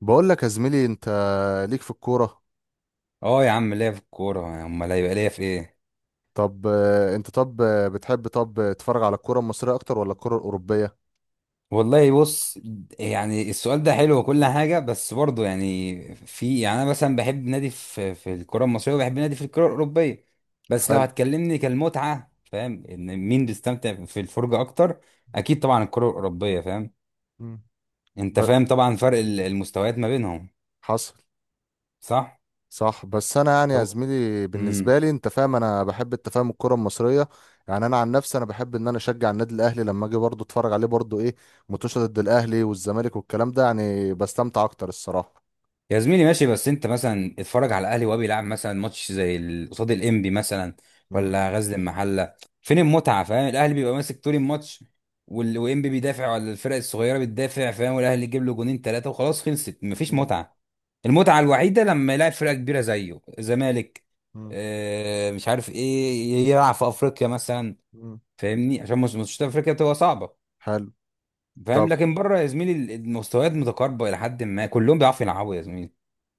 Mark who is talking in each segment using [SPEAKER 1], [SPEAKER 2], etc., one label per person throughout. [SPEAKER 1] بقول لك يا زميلي انت ليك في الكورة.
[SPEAKER 2] اه يا عم، ليا في الكورة. امال هيبقى ليا في ايه؟
[SPEAKER 1] طب آه، انت طب آه، بتحب طب تتفرج على الكورة المصرية اكتر ولا الكورة الأوروبية؟
[SPEAKER 2] والله بص، يعني السؤال ده حلو وكل حاجة، بس برضه يعني في يعني انا مثلا بحب نادي في الكرة المصرية، وبحب نادي في الكرة الأوروبية. بس لو
[SPEAKER 1] حلو.
[SPEAKER 2] هتكلمني كالمتعة فاهم ان مين بيستمتع في الفرجة اكتر؟ اكيد طبعا الكرة الأوروبية. فاهم؟
[SPEAKER 1] مم.
[SPEAKER 2] انت
[SPEAKER 1] ب...
[SPEAKER 2] فاهم طبعا فرق المستويات ما بينهم.
[SPEAKER 1] حصل.
[SPEAKER 2] صح.
[SPEAKER 1] صح، بس انا يعني يا
[SPEAKER 2] طب.
[SPEAKER 1] زميلي
[SPEAKER 2] امم.
[SPEAKER 1] بالنسبة لي انت فاهم انا بحب انت فاهم الكورة المصرية. يعني انا عن نفسي انا بحب ان انا اشجع النادي الاهلي، لما اجي برضه اتفرج عليه برضه ايه متوشة ضد الاهلي والزمالك والكلام ده، يعني بستمتع اكتر الصراحة.
[SPEAKER 2] يا زميلي ماشي، بس انت مثلا اتفرج على الاهلي وهو بيلعب مثلا ماتش زي قصاد الانبي مثلا،
[SPEAKER 1] مم.
[SPEAKER 2] ولا غزل المحله. فين المتعه؟ فاهم، الاهلي بيبقى ماسك طول الماتش، وانبي بيدافع، ولا الفرق الصغيره بتدافع، فاهم، والاهلي يجيب له جونين ثلاثه، وخلاص خلصت، مفيش
[SPEAKER 1] مم.
[SPEAKER 2] متعه. المتعه الوحيده لما يلعب فرقه كبيره زيه، زمالك.
[SPEAKER 1] مم.
[SPEAKER 2] اه مش عارف ايه، يلعب في افريقيا مثلا.
[SPEAKER 1] مم.
[SPEAKER 2] فاهمني، عشان مش افريقيا بتبقى صعبه.
[SPEAKER 1] حلو.
[SPEAKER 2] فاهم؟
[SPEAKER 1] طب.
[SPEAKER 2] لكن بره يا زميلي المستويات متقاربه الى حد ما، كلهم بيعرفوا يلعبوا يا زميلي.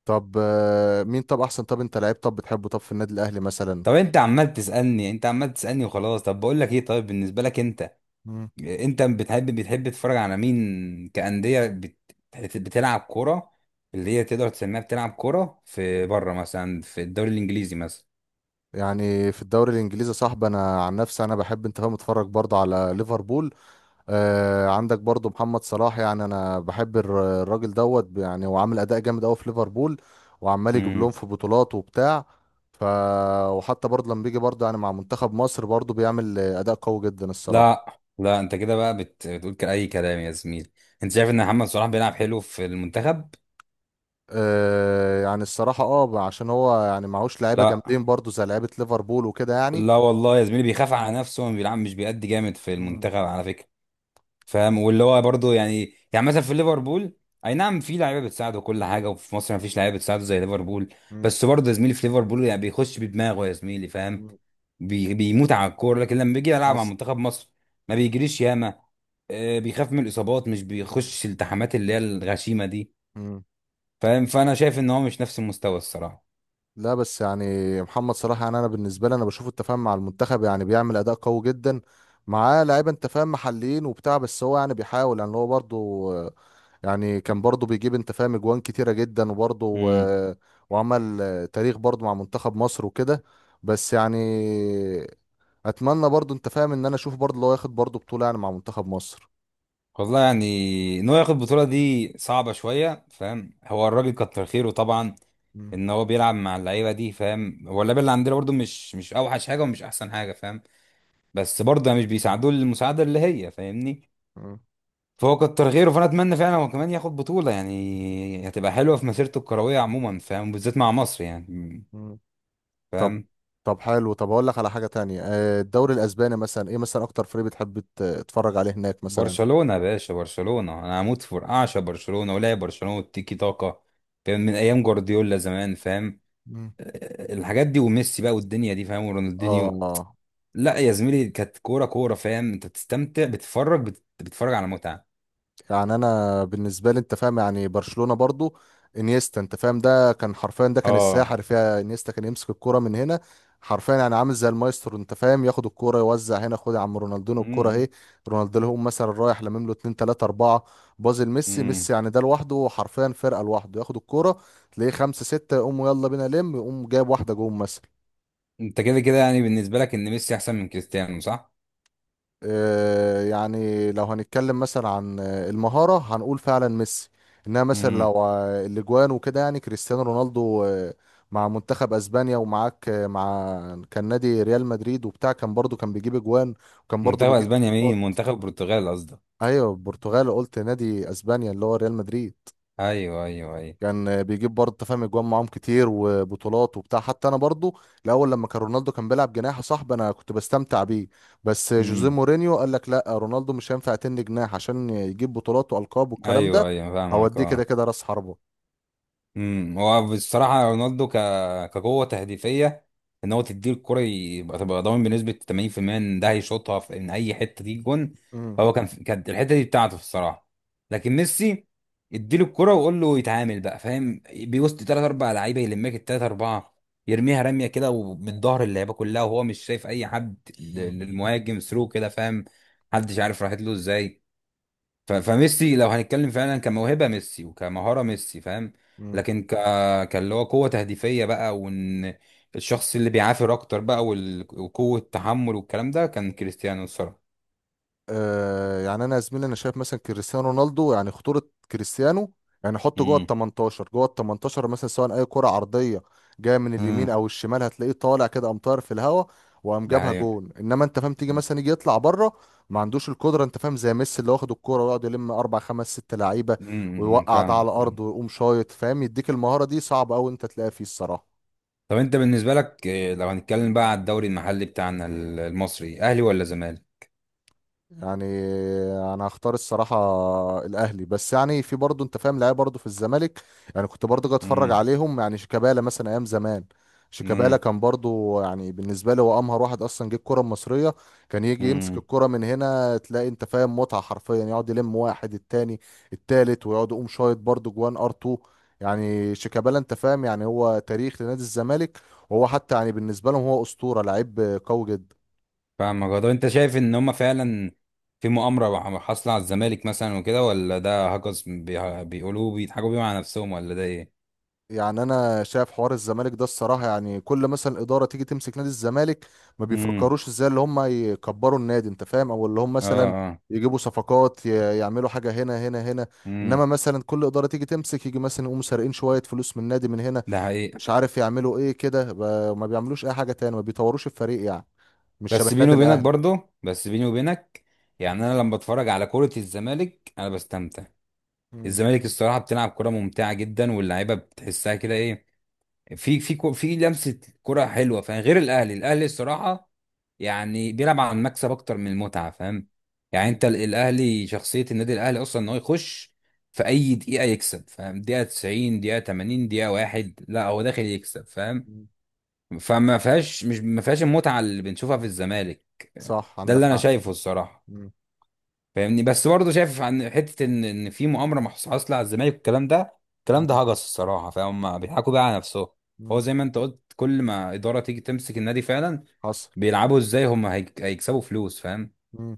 [SPEAKER 1] طب آه، مين طب احسن طب انت لعيب طب بتحبه طب في النادي الاهلي مثلا؟
[SPEAKER 2] طب. انت عمال تسألني، وخلاص طب بقول لك ايه. طيب بالنسبة لك انت،
[SPEAKER 1] مم.
[SPEAKER 2] انت بتحب تتفرج على مين كأندية بتلعب كورة، اللي هي تقدر تسميها بتلعب كورة، في بره مثلا في الدوري الانجليزي مثلا.
[SPEAKER 1] يعني في الدوري الانجليزي يا صاحبي انا عن نفسي انا بحب انت فاهم اتفرج برضه على ليفربول. آه، عندك برضه محمد صلاح، يعني انا بحب الراجل دوت، يعني هو عامل اداء جامد قوي في ليفربول وعمال يجيب لهم
[SPEAKER 2] امم.
[SPEAKER 1] في بطولات وبتاع. ف وحتى برضه لما بيجي برضه يعني مع منتخب مصر برضه بيعمل اداء قوي جدا الصراحه.
[SPEAKER 2] لا لا، انت كده بقى بتقول اي كلام يا زميلي. انت شايف ان محمد صلاح بيلعب حلو في المنتخب؟
[SPEAKER 1] آه يعني الصراحه عشان هو يعني معهوش لعيبه
[SPEAKER 2] لا
[SPEAKER 1] جامدين برضه زي لعيبه ليفربول وكده يعني.
[SPEAKER 2] لا، والله يا زميلي بيخاف على نفسه، وما بيلعب، مش بيأدي جامد في
[SPEAKER 1] مم.
[SPEAKER 2] المنتخب على فكرة. فاهم، واللي هو برضه يعني مثلا في ليفربول اي نعم في لعيبه بتساعده وكل حاجه، وفي مصر ما فيش لعيبه بتساعده زي ليفربول.
[SPEAKER 1] مم.
[SPEAKER 2] بس برضه يا زميلي، في ليفربول يعني بيخش بدماغه يا زميلي، فاهم،
[SPEAKER 1] مم.
[SPEAKER 2] بيموت على الكوره. لكن لما بيجي يلعب مع
[SPEAKER 1] حصل.
[SPEAKER 2] منتخب مصر ما بيجريش ياما. بيخاف من الاصابات، مش بيخش الالتحامات اللي هي الغشيمه دي.
[SPEAKER 1] مم.
[SPEAKER 2] فاهم، فانا شايف ان هو مش نفس المستوى الصراحه.
[SPEAKER 1] لا بس يعني، محمد صلاح يعني انا بالنسبه لي انا بشوفه انت فاهم مع المنتخب يعني بيعمل اداء قوي جدا، معاه لعيبه انت فاهم محليين وبتاع، بس هو يعني بيحاول يعني هو برضه آه، يعني كان برضه بيجيب انت فاهم اجوان كتيره جدا، وبرضه آه، وعمل آه، تاريخ برضه مع منتخب مصر وكده. بس يعني اتمنى برضه انت فاهم ان انا اشوف برضه لو ياخد برضه بطوله يعني مع منتخب مصر.
[SPEAKER 2] والله يعني ان هو ياخد البطوله دي صعبه شويه. فاهم، هو الراجل كتر خيره طبعا
[SPEAKER 1] مم.
[SPEAKER 2] ان هو بيلعب مع اللعيبه دي. فاهم، هو اللعيبه اللي عندنا برضو مش اوحش حاجه ومش احسن حاجه. فاهم، بس برضه مش بيساعدوه المساعده اللي هي، فاهمني. فهو كتر خيره، فانا اتمنى فعلا هو كمان ياخد بطوله، يعني هتبقى حلوه في مسيرته الكرويه عموما، فاهم، بالذات مع مصر يعني.
[SPEAKER 1] مم. طب.
[SPEAKER 2] فاهم،
[SPEAKER 1] طب حلو، طب هقول لك على حاجة تانية. آه، الدوري الأسباني مثلا، إيه مثلا أكتر فريق بتحب تتفرج عليه هناك مثلا؟
[SPEAKER 2] برشلونه يا باشا، برشلونه. انا هموت في اعشى برشلونه ولاعب برشلونه والتيكي تاكا، فاهم، من ايام جوارديولا زمان. فاهم،
[SPEAKER 1] مم.
[SPEAKER 2] الحاجات دي وميسي بقى والدنيا دي، فاهم، ورونالدينيو.
[SPEAKER 1] آه
[SPEAKER 2] لا يا زميلي كانت كوره كوره. فاهم، انت بتستمتع، بتتفرج، بتتفرج على متعه.
[SPEAKER 1] يعني انا بالنسبه لي انت فاهم يعني برشلونه برضو، انيستا، انت فاهم ده كان حرفيا ده كان
[SPEAKER 2] اه.
[SPEAKER 1] الساحر فيها. انيستا كان يمسك الكرة من هنا حرفيا، يعني عامل زي المايسترو انت فاهم، ياخد الكرة يوزع هنا، خد يا عم رونالدينو الكرة
[SPEAKER 2] امم.
[SPEAKER 1] اهي. رونالدينو هو مثلا رايح لامم له 2 3 4 بازل. ميسي
[SPEAKER 2] امم.
[SPEAKER 1] ميسي يعني ده لوحده حرفيا فرقه لوحده، ياخد الكرة تلاقيه 5 6 يقوم يلا بينا لم، يقوم جايب واحده جون مثلا.
[SPEAKER 2] انت كده كده يعني بالنسبه لك ان ميسي احسن من كريستيانو، صح؟
[SPEAKER 1] آه، يعني لو هنتكلم مثلا عن آه، المهارة هنقول فعلا ميسي. انها مثلا
[SPEAKER 2] امم.
[SPEAKER 1] لو آه، الاجوان وكده يعني كريستيانو رونالدو آه، مع منتخب اسبانيا، ومعاك آه، مع كان نادي ريال مدريد وبتاع، كان برضو كان بيجيب اجوان وكان برضو
[SPEAKER 2] منتخب
[SPEAKER 1] بيجيب
[SPEAKER 2] اسبانيا؟ مين،
[SPEAKER 1] بطولات.
[SPEAKER 2] منتخب البرتغال قصدك.
[SPEAKER 1] ايوه البرتغال، قلت نادي اسبانيا اللي هو ريال مدريد.
[SPEAKER 2] ايوه، ايوه، ايوه.
[SPEAKER 1] كان بيجيب برضه أنت فاهم اجوان معاهم كتير وبطولات وبتاع. حتى انا برضه الاول لما كان رونالدو كان بيلعب جناح يا صاحبي انا كنت بستمتع بيه، بس جوزيه
[SPEAKER 2] امم.
[SPEAKER 1] مورينيو قال لك لا رونالدو مش هينفع تني جناح عشان يجيب بطولات والقاب والكلام ده.
[SPEAKER 2] ايوه، ايوه، فاهمك.
[SPEAKER 1] اوديه كده
[SPEAKER 2] اه.
[SPEAKER 1] كده راس حربة.
[SPEAKER 2] امم. هو بصراحه رونالدو كقوه تهديفيه، ان هو تديه الكره يبقى تبقى ضامن بنسبه 80% ان ده هيشوطها في ان اي حته دي جون.
[SPEAKER 1] امم.
[SPEAKER 2] فهو كانت الحته دي بتاعته الصراحه. لكن ميسي، اديله الكره وقول له يتعامل بقى. فاهم، بيوسط ثلاث اربع لعيبه، يلمك الثلاث اربعه، يرميها رميه كده ومن ظهر اللعيبه كلها وهو مش شايف اي حد للمهاجم ثرو كده. فاهم، محدش عارف راحت له ازاي. ف- فميسي لو هنتكلم فعلا كموهبة ميسي وكمهارة ميسي، فاهم.
[SPEAKER 1] مم.
[SPEAKER 2] لكن كاللي هو قوة تهديفية بقى، وان الشخص اللي بيعافر اكتر بقى، وقوة تحمل والكلام ده كان كريستيانو الصراحة.
[SPEAKER 1] آه يعني انا يا زميلي انا شايف مثلا كريستيانو رونالدو يعني خطوره. كريستيانو يعني حطه جوه ال
[SPEAKER 2] امم.
[SPEAKER 1] 18، جوه ال 18 مثلا، سواء اي كره عرضيه جايه من اليمين
[SPEAKER 2] امم.
[SPEAKER 1] او الشمال هتلاقيه طالع كده، قام طاير في الهواء وقام
[SPEAKER 2] ده
[SPEAKER 1] جابها
[SPEAKER 2] حقيقة.
[SPEAKER 1] جون. انما انت فاهم تيجي مثلا يجي يطلع بره، ما عندوش القدره انت فاهم زي ميسي اللي واخد الكوره ويقعد يلم اربع خمس ست لعيبه
[SPEAKER 2] امم.
[SPEAKER 1] ويوقع ده
[SPEAKER 2] فاهم.
[SPEAKER 1] على الارض ويقوم شايط فاهم. يديك المهاره دي صعب قوي انت تلاقيها فيه الصراحه.
[SPEAKER 2] طب انت بالنسبة لك إيه، لو هنتكلم بقى على الدوري المحلي بتاعنا، المصري، اهلي ولا زمالك؟
[SPEAKER 1] يعني انا هختار الصراحه الاهلي، بس يعني في برضه انت فاهم لعيبه برضه في الزمالك. يعني كنت برضه جاي اتفرج
[SPEAKER 2] امم.
[SPEAKER 1] عليهم، يعني شيكابالا مثلا ايام زمان. شيكابالا كان برضه يعني بالنسبه لي هو امهر واحد اصلا جه الكره المصريه. كان يجي يمسك
[SPEAKER 2] امم.
[SPEAKER 1] الكره من هنا تلاقي انت فاهم متعه حرفيا، يقعد يلم واحد التاني التالت ويقعد يقوم شايط برضه جوان ار 2. يعني شيكابالا انت فاهم يعني هو تاريخ لنادي الزمالك، وهو حتى يعني بالنسبه لهم هو اسطوره لعيب قوي جدا.
[SPEAKER 2] فاهمك. هو طب انت شايف ان هما فعلا في مؤامرة حاصلة على الزمالك مثلا وكده، ولا ده هجس بيقولوه، بيضحكوا بيه مع نفسهم، ولا ده ايه؟
[SPEAKER 1] يعني انا شايف حوار الزمالك ده الصراحه، يعني كل مثلا اداره تيجي تمسك نادي الزمالك ما
[SPEAKER 2] امم.
[SPEAKER 1] بيفكروش ازاي اللي هم يكبروا النادي انت فاهم، او اللي هم
[SPEAKER 2] اه.
[SPEAKER 1] مثلا
[SPEAKER 2] اه.
[SPEAKER 1] يجيبوا صفقات، يعملوا حاجه هنا.
[SPEAKER 2] امم.
[SPEAKER 1] انما مثلا كل اداره تيجي تمسك يجي مثلا يقوموا سارقين شويه فلوس من النادي من هنا،
[SPEAKER 2] ده حقيقة.
[SPEAKER 1] مش عارف يعملوا ايه كده، ما بيعملوش اي حاجه تاني، ما بيطوروش الفريق يعني، مش شبه
[SPEAKER 2] بس بيني
[SPEAKER 1] النادي
[SPEAKER 2] وبينك،
[SPEAKER 1] الاهلي.
[SPEAKER 2] برضه بس بيني وبينك، يعني انا لما بتفرج على كرة الزمالك انا بستمتع.
[SPEAKER 1] مم.
[SPEAKER 2] الزمالك الصراحة بتلعب كرة ممتعة جدا، واللعيبة بتحسها كده ايه، في في لمسة كرة حلوة. فاهم، غير الاهلي. الاهلي الصراحة يعني بيلعب على المكسب اكتر من المتعه. فاهم، يعني
[SPEAKER 1] مم.
[SPEAKER 2] انت الاهلي، شخصيه النادي الاهلي اصلا ان هو يخش في اي دقيقه يكسب. فاهم، دقيقه 90 دقيقه 80 دقيقه واحد، لا هو داخل يكسب. فاهم،
[SPEAKER 1] مم.
[SPEAKER 2] فما فيهاش مش ما فيهاش المتعه اللي بنشوفها في الزمالك.
[SPEAKER 1] صح
[SPEAKER 2] ده
[SPEAKER 1] عندك
[SPEAKER 2] اللي انا
[SPEAKER 1] حق.
[SPEAKER 2] شايفه الصراحه،
[SPEAKER 1] مم.
[SPEAKER 2] فاهمني. بس برضه شايف عن حته ان في مؤامره حاصله على الزمالك والكلام ده. الكلام ده
[SPEAKER 1] مم.
[SPEAKER 2] هجس الصراحه، فهم بيضحكوا بقى على نفسهم. هو
[SPEAKER 1] مم.
[SPEAKER 2] زي ما انت قلت، كل ما اداره تيجي تمسك النادي، فعلا
[SPEAKER 1] حصل.
[SPEAKER 2] بيلعبوا ازاي هم هيكسبوا فلوس. فاهم،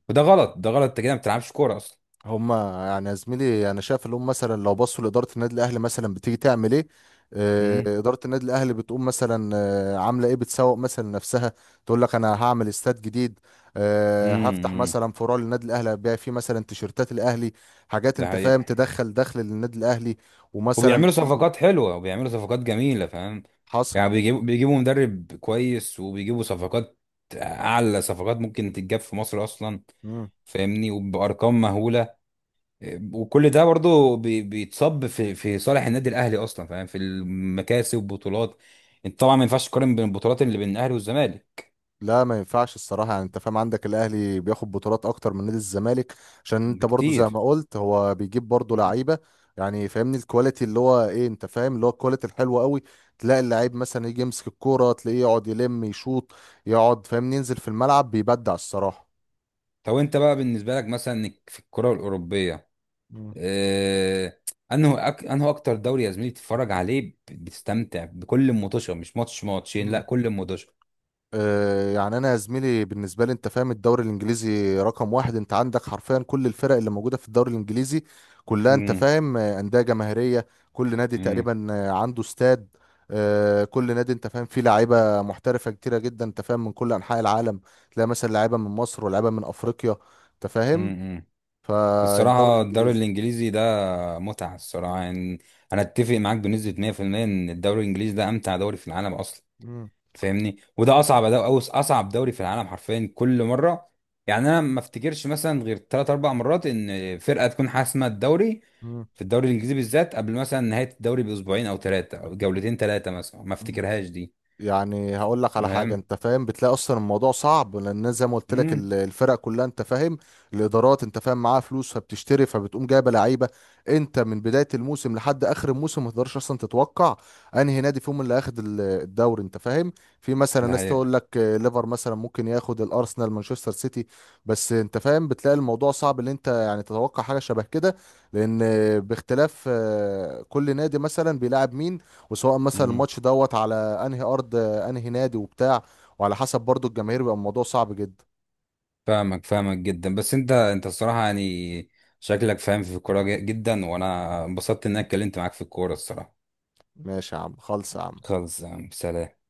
[SPEAKER 2] وده غلط، ده غلط، انت كده ما بتلعبش كوره اصلا.
[SPEAKER 1] هما يعني يا زميلي انا شايف اللي هم مثلا لو بصوا لاداره النادي الاهلي مثلا بتيجي تعمل ايه. آه،
[SPEAKER 2] امم.
[SPEAKER 1] اداره النادي الاهلي بتقوم مثلا آه، عامله ايه، بتسوق مثلا نفسها، تقول لك انا هعمل استاد جديد، آه، هفتح
[SPEAKER 2] امم.
[SPEAKER 1] مثلا فروع للنادي الاهلي هبيع فيه مثلا تيشيرتات الاهلي، حاجات
[SPEAKER 2] ده
[SPEAKER 1] انت فاهم
[SPEAKER 2] حقيقة.
[SPEAKER 1] تدخل دخل للنادي الاهلي. ومثلا
[SPEAKER 2] وبيعملوا
[SPEAKER 1] في.
[SPEAKER 2] صفقات حلوه، وبيعملوا صفقات جميله. فاهم،
[SPEAKER 1] حصل.
[SPEAKER 2] يعني بيجيبوا مدرب كويس، وبيجيبوا صفقات، اعلى صفقات ممكن تتجاب في مصر اصلا. فاهمني، وبارقام مهوله. وكل ده برضه بيتصب في صالح النادي الاهلي اصلا. فاهم، في المكاسب والبطولات. انت طبعا ما ينفعش تقارن بين البطولات اللي بين الاهلي والزمالك
[SPEAKER 1] لا ما ينفعش الصراحة، يعني انت فاهم عندك الاهلي بياخد بطولات اكتر من نادي الزمالك، عشان انت برضو زي
[SPEAKER 2] بكتير.
[SPEAKER 1] ما قلت هو بيجيب برضو
[SPEAKER 2] مم.
[SPEAKER 1] لعيبة. يعني فاهمني الكواليتي اللي هو ايه انت فاهم، اللي هو الكواليتي الحلوة قوي، تلاقي اللعيب مثلا يجي يمسك الكورة تلاقيه يقعد يلم يشوط يقعد فاهمني، ينزل في الملعب بيبدع الصراحة.
[SPEAKER 2] طب انت بقى بالنسبه لك مثلا في الكره الاوروبيه، اه، انه انه اكتر دوري يا زميلي بتتفرج عليه بتستمتع بكل مطوشه، مش ماتش ماتشين، لا
[SPEAKER 1] مم.
[SPEAKER 2] كل مطوشه.
[SPEAKER 1] آه، يعني انا يا زميلي بالنسبه لي انت فاهم الدوري الانجليزي رقم واحد. انت عندك حرفيا كل الفرق اللي موجوده في الدوري الانجليزي كلها انت
[SPEAKER 2] امم.
[SPEAKER 1] فاهم آه، انديه جماهيريه، كل نادي تقريبا آه، عنده استاد، آه، كل نادي انت فاهم فيه لعيبه محترفه كتيره جدا انت فاهم من كل انحاء العالم، تلاقي مثلا لعيبه من مصر ولاعيبه من افريقيا انت فاهم،
[SPEAKER 2] امم.
[SPEAKER 1] فالدوري
[SPEAKER 2] الصراحة الدوري
[SPEAKER 1] الانجليزي.
[SPEAKER 2] الإنجليزي ده متعة الصراحة يعني. أنا أتفق معاك بنسبة 100% إن الدوري الإنجليزي ده أمتع دوري في العالم أصلا.
[SPEAKER 1] مم،
[SPEAKER 2] فاهمني، وده أصعب دوري، أو أصعب دوري في العالم حرفيا كل مرة. يعني أنا ما أفتكرش مثلا غير تلات أربع مرات إن فرقة تكون حاسمة الدوري،
[SPEAKER 1] مم.
[SPEAKER 2] في الدوري الإنجليزي بالذات، قبل مثلا نهاية الدوري بأسبوعين أو ثلاثة، أو جولتين ثلاثة مثلا، ما
[SPEAKER 1] مم.
[SPEAKER 2] أفتكرهاش دي.
[SPEAKER 1] يعني هقول لك على حاجه
[SPEAKER 2] فاهم؟
[SPEAKER 1] انت فاهم بتلاقي اصلا الموضوع صعب، لان زي ما قلت لك
[SPEAKER 2] مم،
[SPEAKER 1] الفرق كلها انت فاهم، الادارات انت فاهم معاها فلوس فبتشتري فبتقوم جايبه لعيبه. انت من بدايه الموسم لحد اخر الموسم ما تقدرش اصلا تتوقع انهي نادي فيهم اللي هياخد الدوري انت فاهم. في مثلا
[SPEAKER 2] ده
[SPEAKER 1] ناس
[SPEAKER 2] حقيقة.
[SPEAKER 1] تقول لك آه، ليفر مثلا ممكن ياخد الارسنال مانشستر سيتي، بس انت فاهم بتلاقي الموضوع صعب ان انت يعني تتوقع حاجه شبه كده، لان آه، باختلاف آه، كل نادي مثلا بيلعب مين، وسواء مثلا الماتش دوت على انهي ارض انهي نادي وبتاع، وعلى حسب برضو الجماهير بيبقى الموضوع صعب جدا.
[SPEAKER 2] فاهمك، فاهمك جدا. بس انت الصراحة يعني، شكلك فاهم في الكورة جدا، وانا انبسطت ان اتكلمت معاك في الكورة الصراحة.
[SPEAKER 1] ماشي يا عم خالص يا عم.
[SPEAKER 2] خلص يا عم، سلام.